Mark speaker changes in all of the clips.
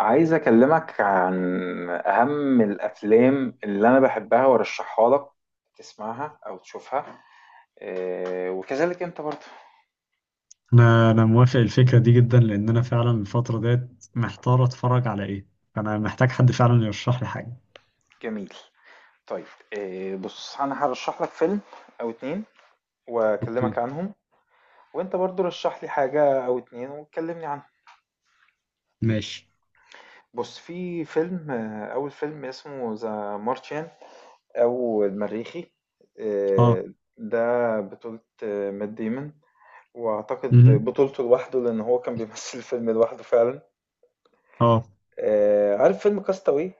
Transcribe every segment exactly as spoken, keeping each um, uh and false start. Speaker 1: عايز أكلمك عن أهم الأفلام اللي أنا بحبها وأرشحها لك تسمعها أو تشوفها. آه، وكذلك أنت برضه.
Speaker 2: انا انا موافق الفكره دي جدا لان انا فعلا الفتره ديت محتار اتفرج على ايه. انا محتاج حد فعلا يرشح لي حاجه.
Speaker 1: جميل. طيب. آه، بص أنا هرشح لك فيلم أو اتنين وأكلمك
Speaker 2: اوكي.
Speaker 1: عنهم. وأنت برضه رشح لي حاجة أو اتنين وتكلمني عنهم.
Speaker 2: ماشي.
Speaker 1: بص في فيلم، آه، أول فيلم اسمه ذا مارشيان أو المريخي.
Speaker 2: اه.
Speaker 1: آه، ده بطولة آه، مات ديمون. واعتقد
Speaker 2: امم
Speaker 1: بطولته لوحده لان هو كان بيمثل الفيلم لوحده فعلا.
Speaker 2: اه.
Speaker 1: آه عارف فيلم كاستاوي؟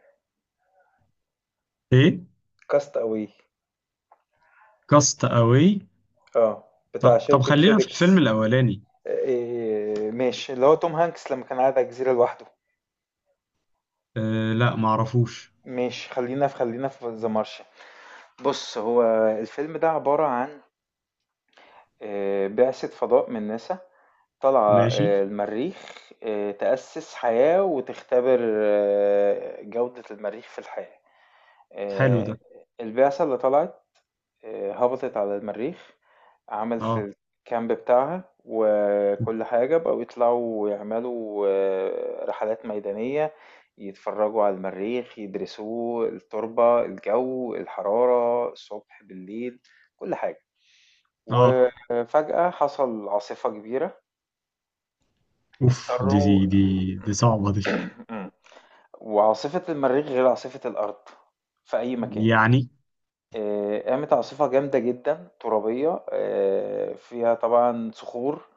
Speaker 2: ايه.
Speaker 1: كاستاوي.
Speaker 2: كاست اواي.
Speaker 1: اه بتاع
Speaker 2: طب طب
Speaker 1: شركة
Speaker 2: خلينا في الفيلم
Speaker 1: فيديكس.
Speaker 2: الاولاني.
Speaker 1: آه إيه، ماشي، اللي هو توم هانكس لما كان قاعد على الجزيرة لوحده.
Speaker 2: آه لا معرفوش.
Speaker 1: ماشي، خلينا في خلينا في ذا مارشن. بص هو الفيلم ده عبارة عن آه بعثة فضاء من ناسا طالعة
Speaker 2: ماشي.
Speaker 1: آه المريخ، آه تأسس حياة وتختبر آه جودة المريخ في الحياة.
Speaker 2: حلو
Speaker 1: آه
Speaker 2: ده.
Speaker 1: البعثة اللي طلعت آه، هبطت على المريخ. عملت
Speaker 2: اه.
Speaker 1: الكامب بتاعها وكل حاجة. بقوا يطلعوا ويعملوا آه، رحلات ميدانية، يتفرجوا على المريخ، يدرسوه، التربة، الجو، الحرارة، الصبح بالليل، كل حاجة.
Speaker 2: اه.
Speaker 1: وفجأة حصل عاصفة كبيرة.
Speaker 2: اوف. دي
Speaker 1: اضطروا.
Speaker 2: دي دي, دي صعبه دي.
Speaker 1: وعاصفة المريخ غير عاصفة الأرض في أي مكان.
Speaker 2: يعني
Speaker 1: آآ، قامت عاصفة جامدة جدًا، ترابية، آآ، فيها طبعًا صخور،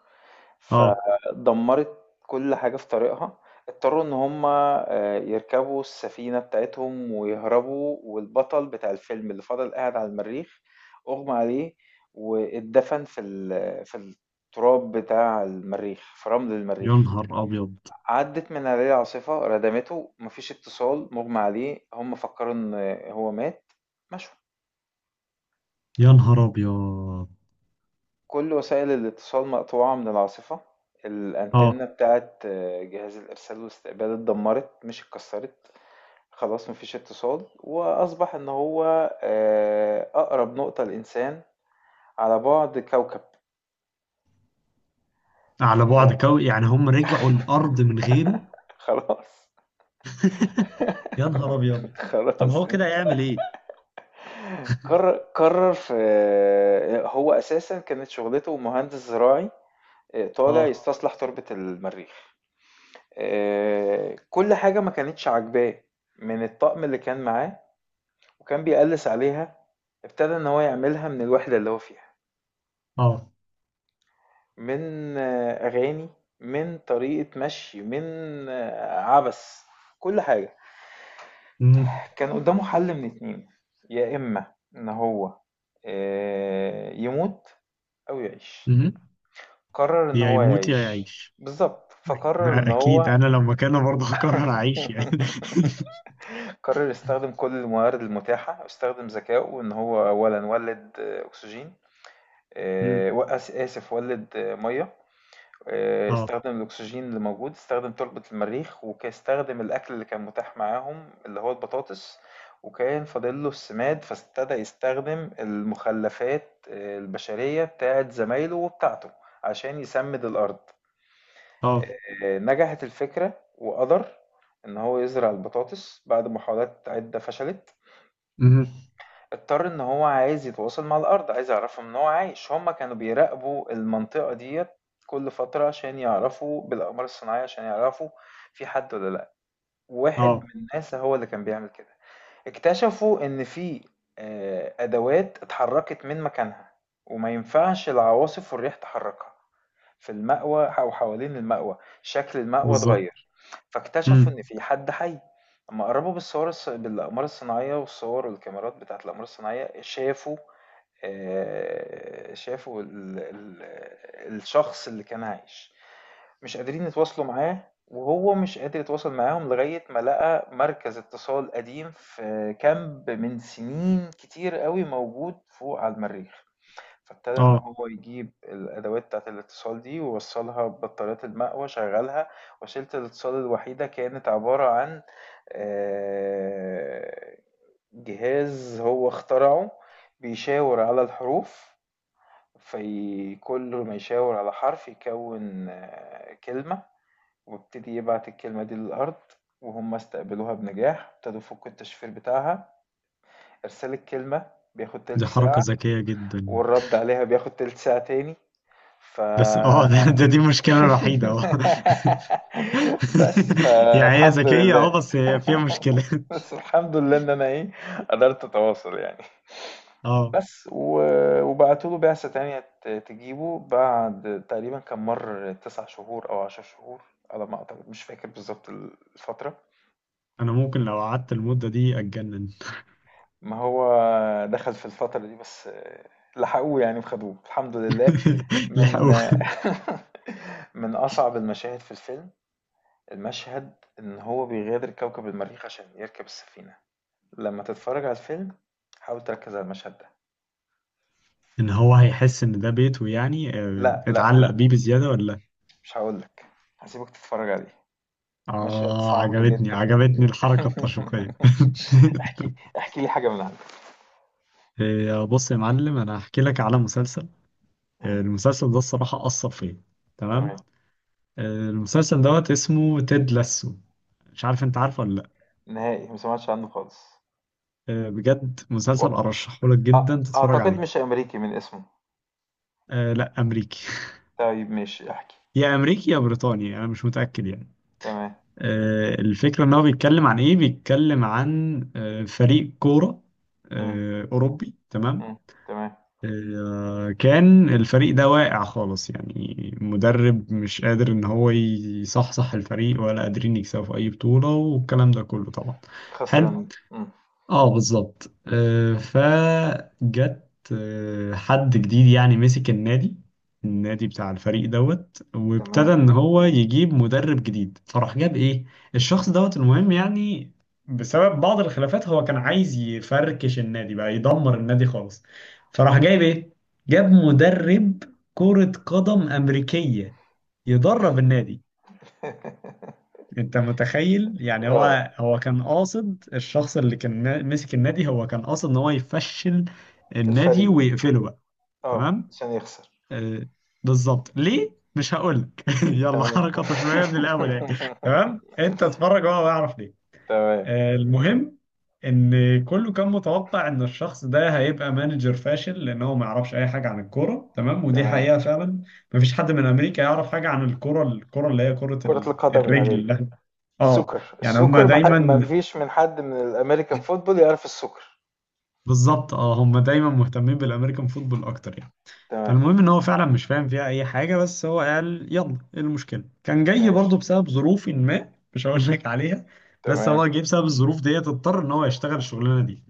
Speaker 2: اه.
Speaker 1: فدمّرت كل حاجة في طريقها. اضطروا إن هُم آآ، يركبوا السفينة بتاعتهم ويهربوا، والبطل بتاع الفيلم اللي فضل قاعد على المريخ أُغمي عليه واتدفن في ال في التراب بتاع المريخ، في رمل
Speaker 2: يا
Speaker 1: المريخ.
Speaker 2: نهار ابيض.
Speaker 1: عدِّت من عليه العاصفة ردمته، ما فيش اتصال، مُغمي عليه، هُم فكّروا إن هو مات، مشوا.
Speaker 2: يا نهار ابيض.
Speaker 1: كل وسائل الاتصال مقطوعة من العاصفة.
Speaker 2: اه،
Speaker 1: الأنتنة بتاعت آه، جهاز الإرسال والاستقبال اتدمرت، مش اتكسرت. خلاص، مفيش اتصال، وأصبح إن هو آه، أقرب نقطة لإنسان على بعد كوكب.
Speaker 2: على بعد
Speaker 1: فخلاص
Speaker 2: كوي، يعني هم رجعوا الارض من غيره؟
Speaker 1: خلاص.
Speaker 2: يا نهار ابيض. طب
Speaker 1: خلاص
Speaker 2: هو
Speaker 1: انت.
Speaker 2: كده هيعمل ايه؟
Speaker 1: قرر قرر في آه، هو أساسا كانت شغلته مهندس زراعي. آه، طالع
Speaker 2: اه.
Speaker 1: يستصلح تربة المريخ. آه، كل حاجة ما كانتش عاجباه من الطقم اللي كان معاه وكان بيقلِّس عليها. ابتدى إن هو يعملها من الوحدة اللي هو فيها،
Speaker 2: اه.
Speaker 1: من أغاني، من طريقة مشي، من عبث، كل حاجة.
Speaker 2: امم
Speaker 1: كان قدّامه حل من اتنين، يا إما إن هو آآ يموت أو يعيش.
Speaker 2: امم.
Speaker 1: قرّر إن
Speaker 2: يا
Speaker 1: هو
Speaker 2: يموت يا
Speaker 1: يعيش.
Speaker 2: يعيش.
Speaker 1: بالضبط، فقرّر إن
Speaker 2: اكيد
Speaker 1: هو
Speaker 2: انا لو مكانه برضه هقرر اعيش يعني.
Speaker 1: قرّر يستخدم كل الموارد المتاحة واستخدم ذكائه إن هو أولًا ولِّد أكسجين،
Speaker 2: مم.
Speaker 1: آه، وقس آسف ولد آه، مية. آه،
Speaker 2: اه.
Speaker 1: استخدم الأكسجين اللي موجود، استخدم تربة المريخ، وكاستخدم الأكل اللي كان متاح معاهم اللي هو البطاطس. وكان فاضله السماد، فابتدى يستخدم المخلفات آه، البشرية بتاعت زمايله وبتاعته عشان يسمد الأرض.
Speaker 2: اه.
Speaker 1: آه، نجحت الفكرة وقدر إن هو يزرع البطاطس بعد محاولات عدة فشلت.
Speaker 2: مم.
Speaker 1: اضطر ان هو عايز يتواصل مع الارض، عايز يعرفهم ان هو عايش. هما كانوا بيراقبوا المنطقة ديت كل فترة عشان يعرفوا بالاقمار الصناعية، عشان يعرفوا في حد ولا لا. واحد
Speaker 2: اه
Speaker 1: من ناسا هو اللي كان بيعمل كده. اكتشفوا ان في آه، ادوات اتحركت من مكانها، وما ينفعش العواصف والريح تحركها. في المأوى أو حوالين المأوى شكل المأوى
Speaker 2: بالظبط.
Speaker 1: اتغير. فاكتشفوا
Speaker 2: مم.
Speaker 1: إن في حد حي. لما قربوا بالصور الص... بالأقمار الصناعية والصور والكاميرات بتاعة الأقمار الصناعية، شافوا آه، شافوا ال... ال... الشخص اللي كان عايش. مش قادرين يتواصلوا معاه، وهو مش قادر يتواصل معاهم، لغاية ما لقى مركز اتصال قديم في كامب من سنين كتير قوي موجود فوق على المريخ. فابتدى إن
Speaker 2: اه
Speaker 1: هو يجيب الأدوات بتاعة الاتصال دي ووصّلها ببطاريات المقوى، شغّلها. وسيلة الاتصال الوحيدة كانت عبارة عن آآ جهاز هو اخترعه بيشاور على الحروف، في كل ما يشاور على حرف يكوّن آه، كلمة، ويبتدي يبعت الكلمة دي للأرض. وهُم استقبلوها بنجاح، ابتدوا يفكّوا التشفير بتاعها. إرسال الكلمة بياخد
Speaker 2: دي
Speaker 1: تِلت ساعة،
Speaker 2: حركة ذكية جدا.
Speaker 1: والرد عليها بياخد تِلت ساعة تاني. ف
Speaker 2: بس اه ده, ده دي المشكلة الوحيدة اه.
Speaker 1: بس
Speaker 2: يعني هي
Speaker 1: فالحمد
Speaker 2: ذكية
Speaker 1: لله.
Speaker 2: اه بس هي فيها مشكلة.
Speaker 1: بس الحمد لله ان انا ايه، قدرت اتواصل يعني.
Speaker 2: اه.
Speaker 1: بس و- وبعتوله بعثة تانية ت- تجيبه بعد تقريبا، كان مر تسع شهور أو عشر شهور على ما أعتقد. مش فاكر بالظبط الفترة.
Speaker 2: انا ممكن لو قعدت المدة دي اتجنن.
Speaker 1: ما هو دخل في الفترة دي بس لحقوه يعني وخدوه الحمد لله. من
Speaker 2: لحقوا.
Speaker 1: من أصعب المشاهد في الفيلم، المشهد إن هو بيغادر كوكب المريخ عشان يركب السفينة. لما تتفرج على الفيلم، حاول تركز على المشهد ده.
Speaker 2: ان هو هيحس ان ده بيته يعني، آه،
Speaker 1: لا لا
Speaker 2: اتعلق
Speaker 1: لا،
Speaker 2: بيه بزيادة ولا؟
Speaker 1: مش هقولك. هسيبك تتفرج عليه. مشهد
Speaker 2: اه،
Speaker 1: صعب
Speaker 2: عجبتني
Speaker 1: جدا.
Speaker 2: عجبتني الحركة التشويقية.
Speaker 1: احكي احكي لي حاجة من عندك.
Speaker 2: آه، بص يا معلم انا هحكي لك على مسلسل. آه،
Speaker 1: مم،
Speaker 2: المسلسل ده الصراحة أثر فيا. تمام.
Speaker 1: تمام.
Speaker 2: آه، المسلسل دوت اسمه تيد لاسو. مش عارف انت عارفه ولا لا؟
Speaker 1: نهائي ما سمعتش عنه خالص.
Speaker 2: آه، بجد
Speaker 1: و...
Speaker 2: مسلسل ارشحه لك جدا
Speaker 1: أ...
Speaker 2: تتفرج
Speaker 1: أعتقد
Speaker 2: عليه.
Speaker 1: مش أمريكي من اسمه.
Speaker 2: آه، لا امريكي.
Speaker 1: طيب، ماشي، احكي.
Speaker 2: يا امريكي يا بريطاني انا مش متأكد يعني.
Speaker 1: تمام.
Speaker 2: آه، الفكرة إن هو بيتكلم عن إيه؟ بيتكلم عن آه، فريق كورة
Speaker 1: مم،
Speaker 2: آه، أوروبي، تمام؟
Speaker 1: مم، تمام.
Speaker 2: آه، كان الفريق ده واقع خالص، يعني مدرب مش قادر إن هو يصحصح الفريق ولا قادرين يكسبوا في أي بطولة والكلام ده كله طبعا.
Speaker 1: خسران،
Speaker 2: حلو.
Speaker 1: مم.
Speaker 2: اه بالظبط. آه، فجت آه، حد جديد يعني مسك النادي. النادي بتاع الفريق دوت،
Speaker 1: تمام.
Speaker 2: وابتدى ان هو يجيب مدرب جديد فراح جاب ايه، الشخص دوت. المهم يعني، بسبب بعض الخلافات هو كان عايز يفركش النادي بقى، يدمر النادي خالص. فراح جايب ايه، جاب مدرب كرة قدم أمريكية يدرب النادي. انت متخيل؟ يعني
Speaker 1: اه،
Speaker 2: هو هو كان قاصد، الشخص اللي كان نا- مسك النادي هو كان قاصد ان هو يفشل النادي
Speaker 1: الفريق،
Speaker 2: ويقفله بقى.
Speaker 1: اه،
Speaker 2: تمام.
Speaker 1: عشان يخسر.
Speaker 2: آه بالظبط. ليه مش هقول لك. يلا
Speaker 1: تمام.
Speaker 2: حركة شوية من الاول يعني. تمام انت اتفرج هو هيعرف ليه.
Speaker 1: تمام،
Speaker 2: آه المهم، ان كله كان متوقع ان الشخص ده هيبقى مانجر فاشل لان هو ما يعرفش اي حاجة عن الكورة، تمام؟ ودي
Speaker 1: تمام.
Speaker 2: حقيقة فعلا. مفيش حد من امريكا يعرف حاجه عن الكره، الكره اللي هي كره
Speaker 1: كرة
Speaker 2: ال-
Speaker 1: القدم العادية،
Speaker 2: الرجل. اه.
Speaker 1: السوكر.
Speaker 2: يعني هم
Speaker 1: السوكر ما ح- ما
Speaker 2: دايما،
Speaker 1: فيش من حد من الأمريكان فوتبول يعرف السوكر.
Speaker 2: بالظبط اه هم دايما مهتمين بالامريكان فوتبول اكتر يعني.
Speaker 1: تمام،
Speaker 2: فالمهم ان هو فعلا مش فاهم فيها اي حاجه، بس هو قال يلا ايه المشكله. كان جاي
Speaker 1: ماشي،
Speaker 2: برضه بسبب ظروف ما، مش هقول لك عليها، بس
Speaker 1: تمام.
Speaker 2: هو جه بسبب الظروف ديت، اضطر ان هو يشتغل الشغلانه دي.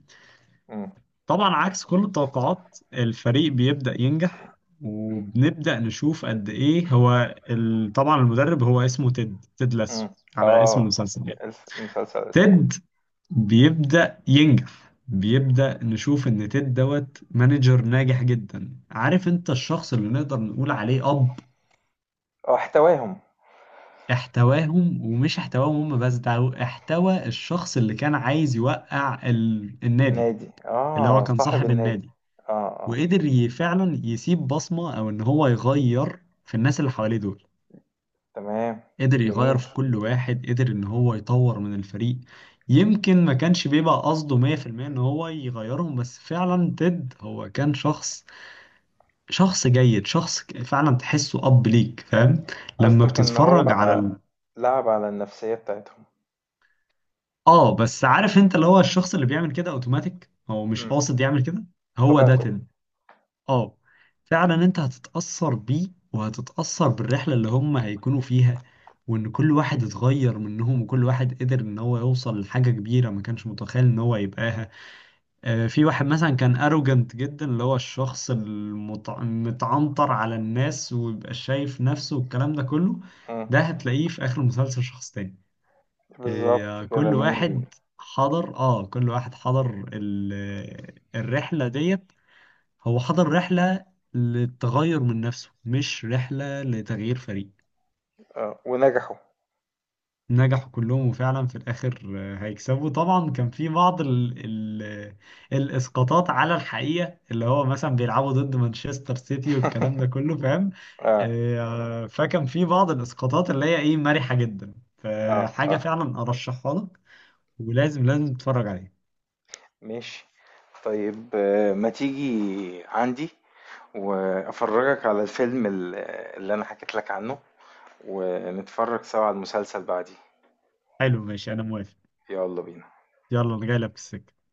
Speaker 1: مم.
Speaker 2: طبعا عكس كل التوقعات الفريق بيبدا ينجح، وبنبدا نشوف قد ايه هو ال... طبعا المدرب هو اسمه تيد، تيد لاسو،
Speaker 1: مم.
Speaker 2: على اسم
Speaker 1: اه،
Speaker 2: المسلسل يعني.
Speaker 1: الف- المسلسل اسمه.
Speaker 2: تيد بيبدأ ينجح، بيبدأ نشوف ان تيد دوت مانجر ناجح جدا. عارف انت، الشخص اللي نقدر نقول عليه اب.
Speaker 1: اه، احتواهم.
Speaker 2: احتواهم، ومش احتواهم هم بس، ده هو احتوى الشخص اللي كان عايز يوقع ال... النادي،
Speaker 1: النادي،
Speaker 2: اللي هو
Speaker 1: اه،
Speaker 2: كان
Speaker 1: صاحب
Speaker 2: صاحب
Speaker 1: النادي.
Speaker 2: النادي.
Speaker 1: اه، اه،
Speaker 2: وقدر ي- فعلا يسيب بصمة او ان هو يغير في الناس اللي حواليه دول.
Speaker 1: تمام.
Speaker 2: قدر يغير
Speaker 1: جميل.
Speaker 2: في كل واحد، قدر ان هو يطور من الفريق. يمكن ما كانش بيبقى قصده مية في المية ان هو يغيرهم، بس فعلا تيد هو كان شخص، شخص جيد، شخص ك- فعلا تحسه اب ليك، فاهم؟ لما
Speaker 1: قصدك ان هو
Speaker 2: بتتفرج على ال...
Speaker 1: لعب على النفسية بتاعتهم.
Speaker 2: اه بس عارف انت، اللي هو الشخص اللي بيعمل كده اوتوماتيك هو مش
Speaker 1: مم.
Speaker 2: قاصد يعمل كده. هو ده
Speaker 1: طبيعته.
Speaker 2: تيد. اه. فعلا انت هتتأثر بيه، وهتتأثر بالرحلة اللي هم هيكونوا فيها، وان كل واحد اتغير منهم، وكل واحد قدر ان هو يوصل لحاجة كبيرة ما كانش متخيل ان هو يبقاها. آه، في واحد مثلا كان اروجنت جدا، اللي هو الشخص المت- المتعنطر على الناس ويبقى شايف نفسه والكلام ده كله.
Speaker 1: مم.
Speaker 2: ده هتلاقيه في اخر المسلسل شخص تاني.
Speaker 1: بالظبط
Speaker 2: آه،
Speaker 1: كده
Speaker 2: كل
Speaker 1: من
Speaker 2: واحد حضر، اه كل واحد حضر ال- الرحلة ديت. هو حضر رحلة للتغير من نفسه، مش رحلة لتغيير فريق.
Speaker 1: آه. ونجحوا.
Speaker 2: نجحوا كلهم، وفعلا في الآخر آه، هيكسبوا. طبعا كان في بعض ال ال الإسقاطات على الحقيقة، اللي هو مثلا بيلعبوا ضد مانشستر سيتي والكلام ده كله، فاهم؟
Speaker 1: اه،
Speaker 2: آه، فكان في بعض الإسقاطات اللي هي إيه مرحة جدا،
Speaker 1: اه،
Speaker 2: فحاجة
Speaker 1: اه،
Speaker 2: فعلا أرشحها لك، ولازم لازم تتفرج عليها.
Speaker 1: ماشي. طيب، آه، ما تيجي عندي وافرجك على الفيلم ال- اللي انا حكيت لك عنه، ونتفرج سوا على المسلسل بعديه.
Speaker 2: حلو ماشي أنا موافق.
Speaker 1: يلا بينا.
Speaker 2: يلا أنا جاي لك في السكة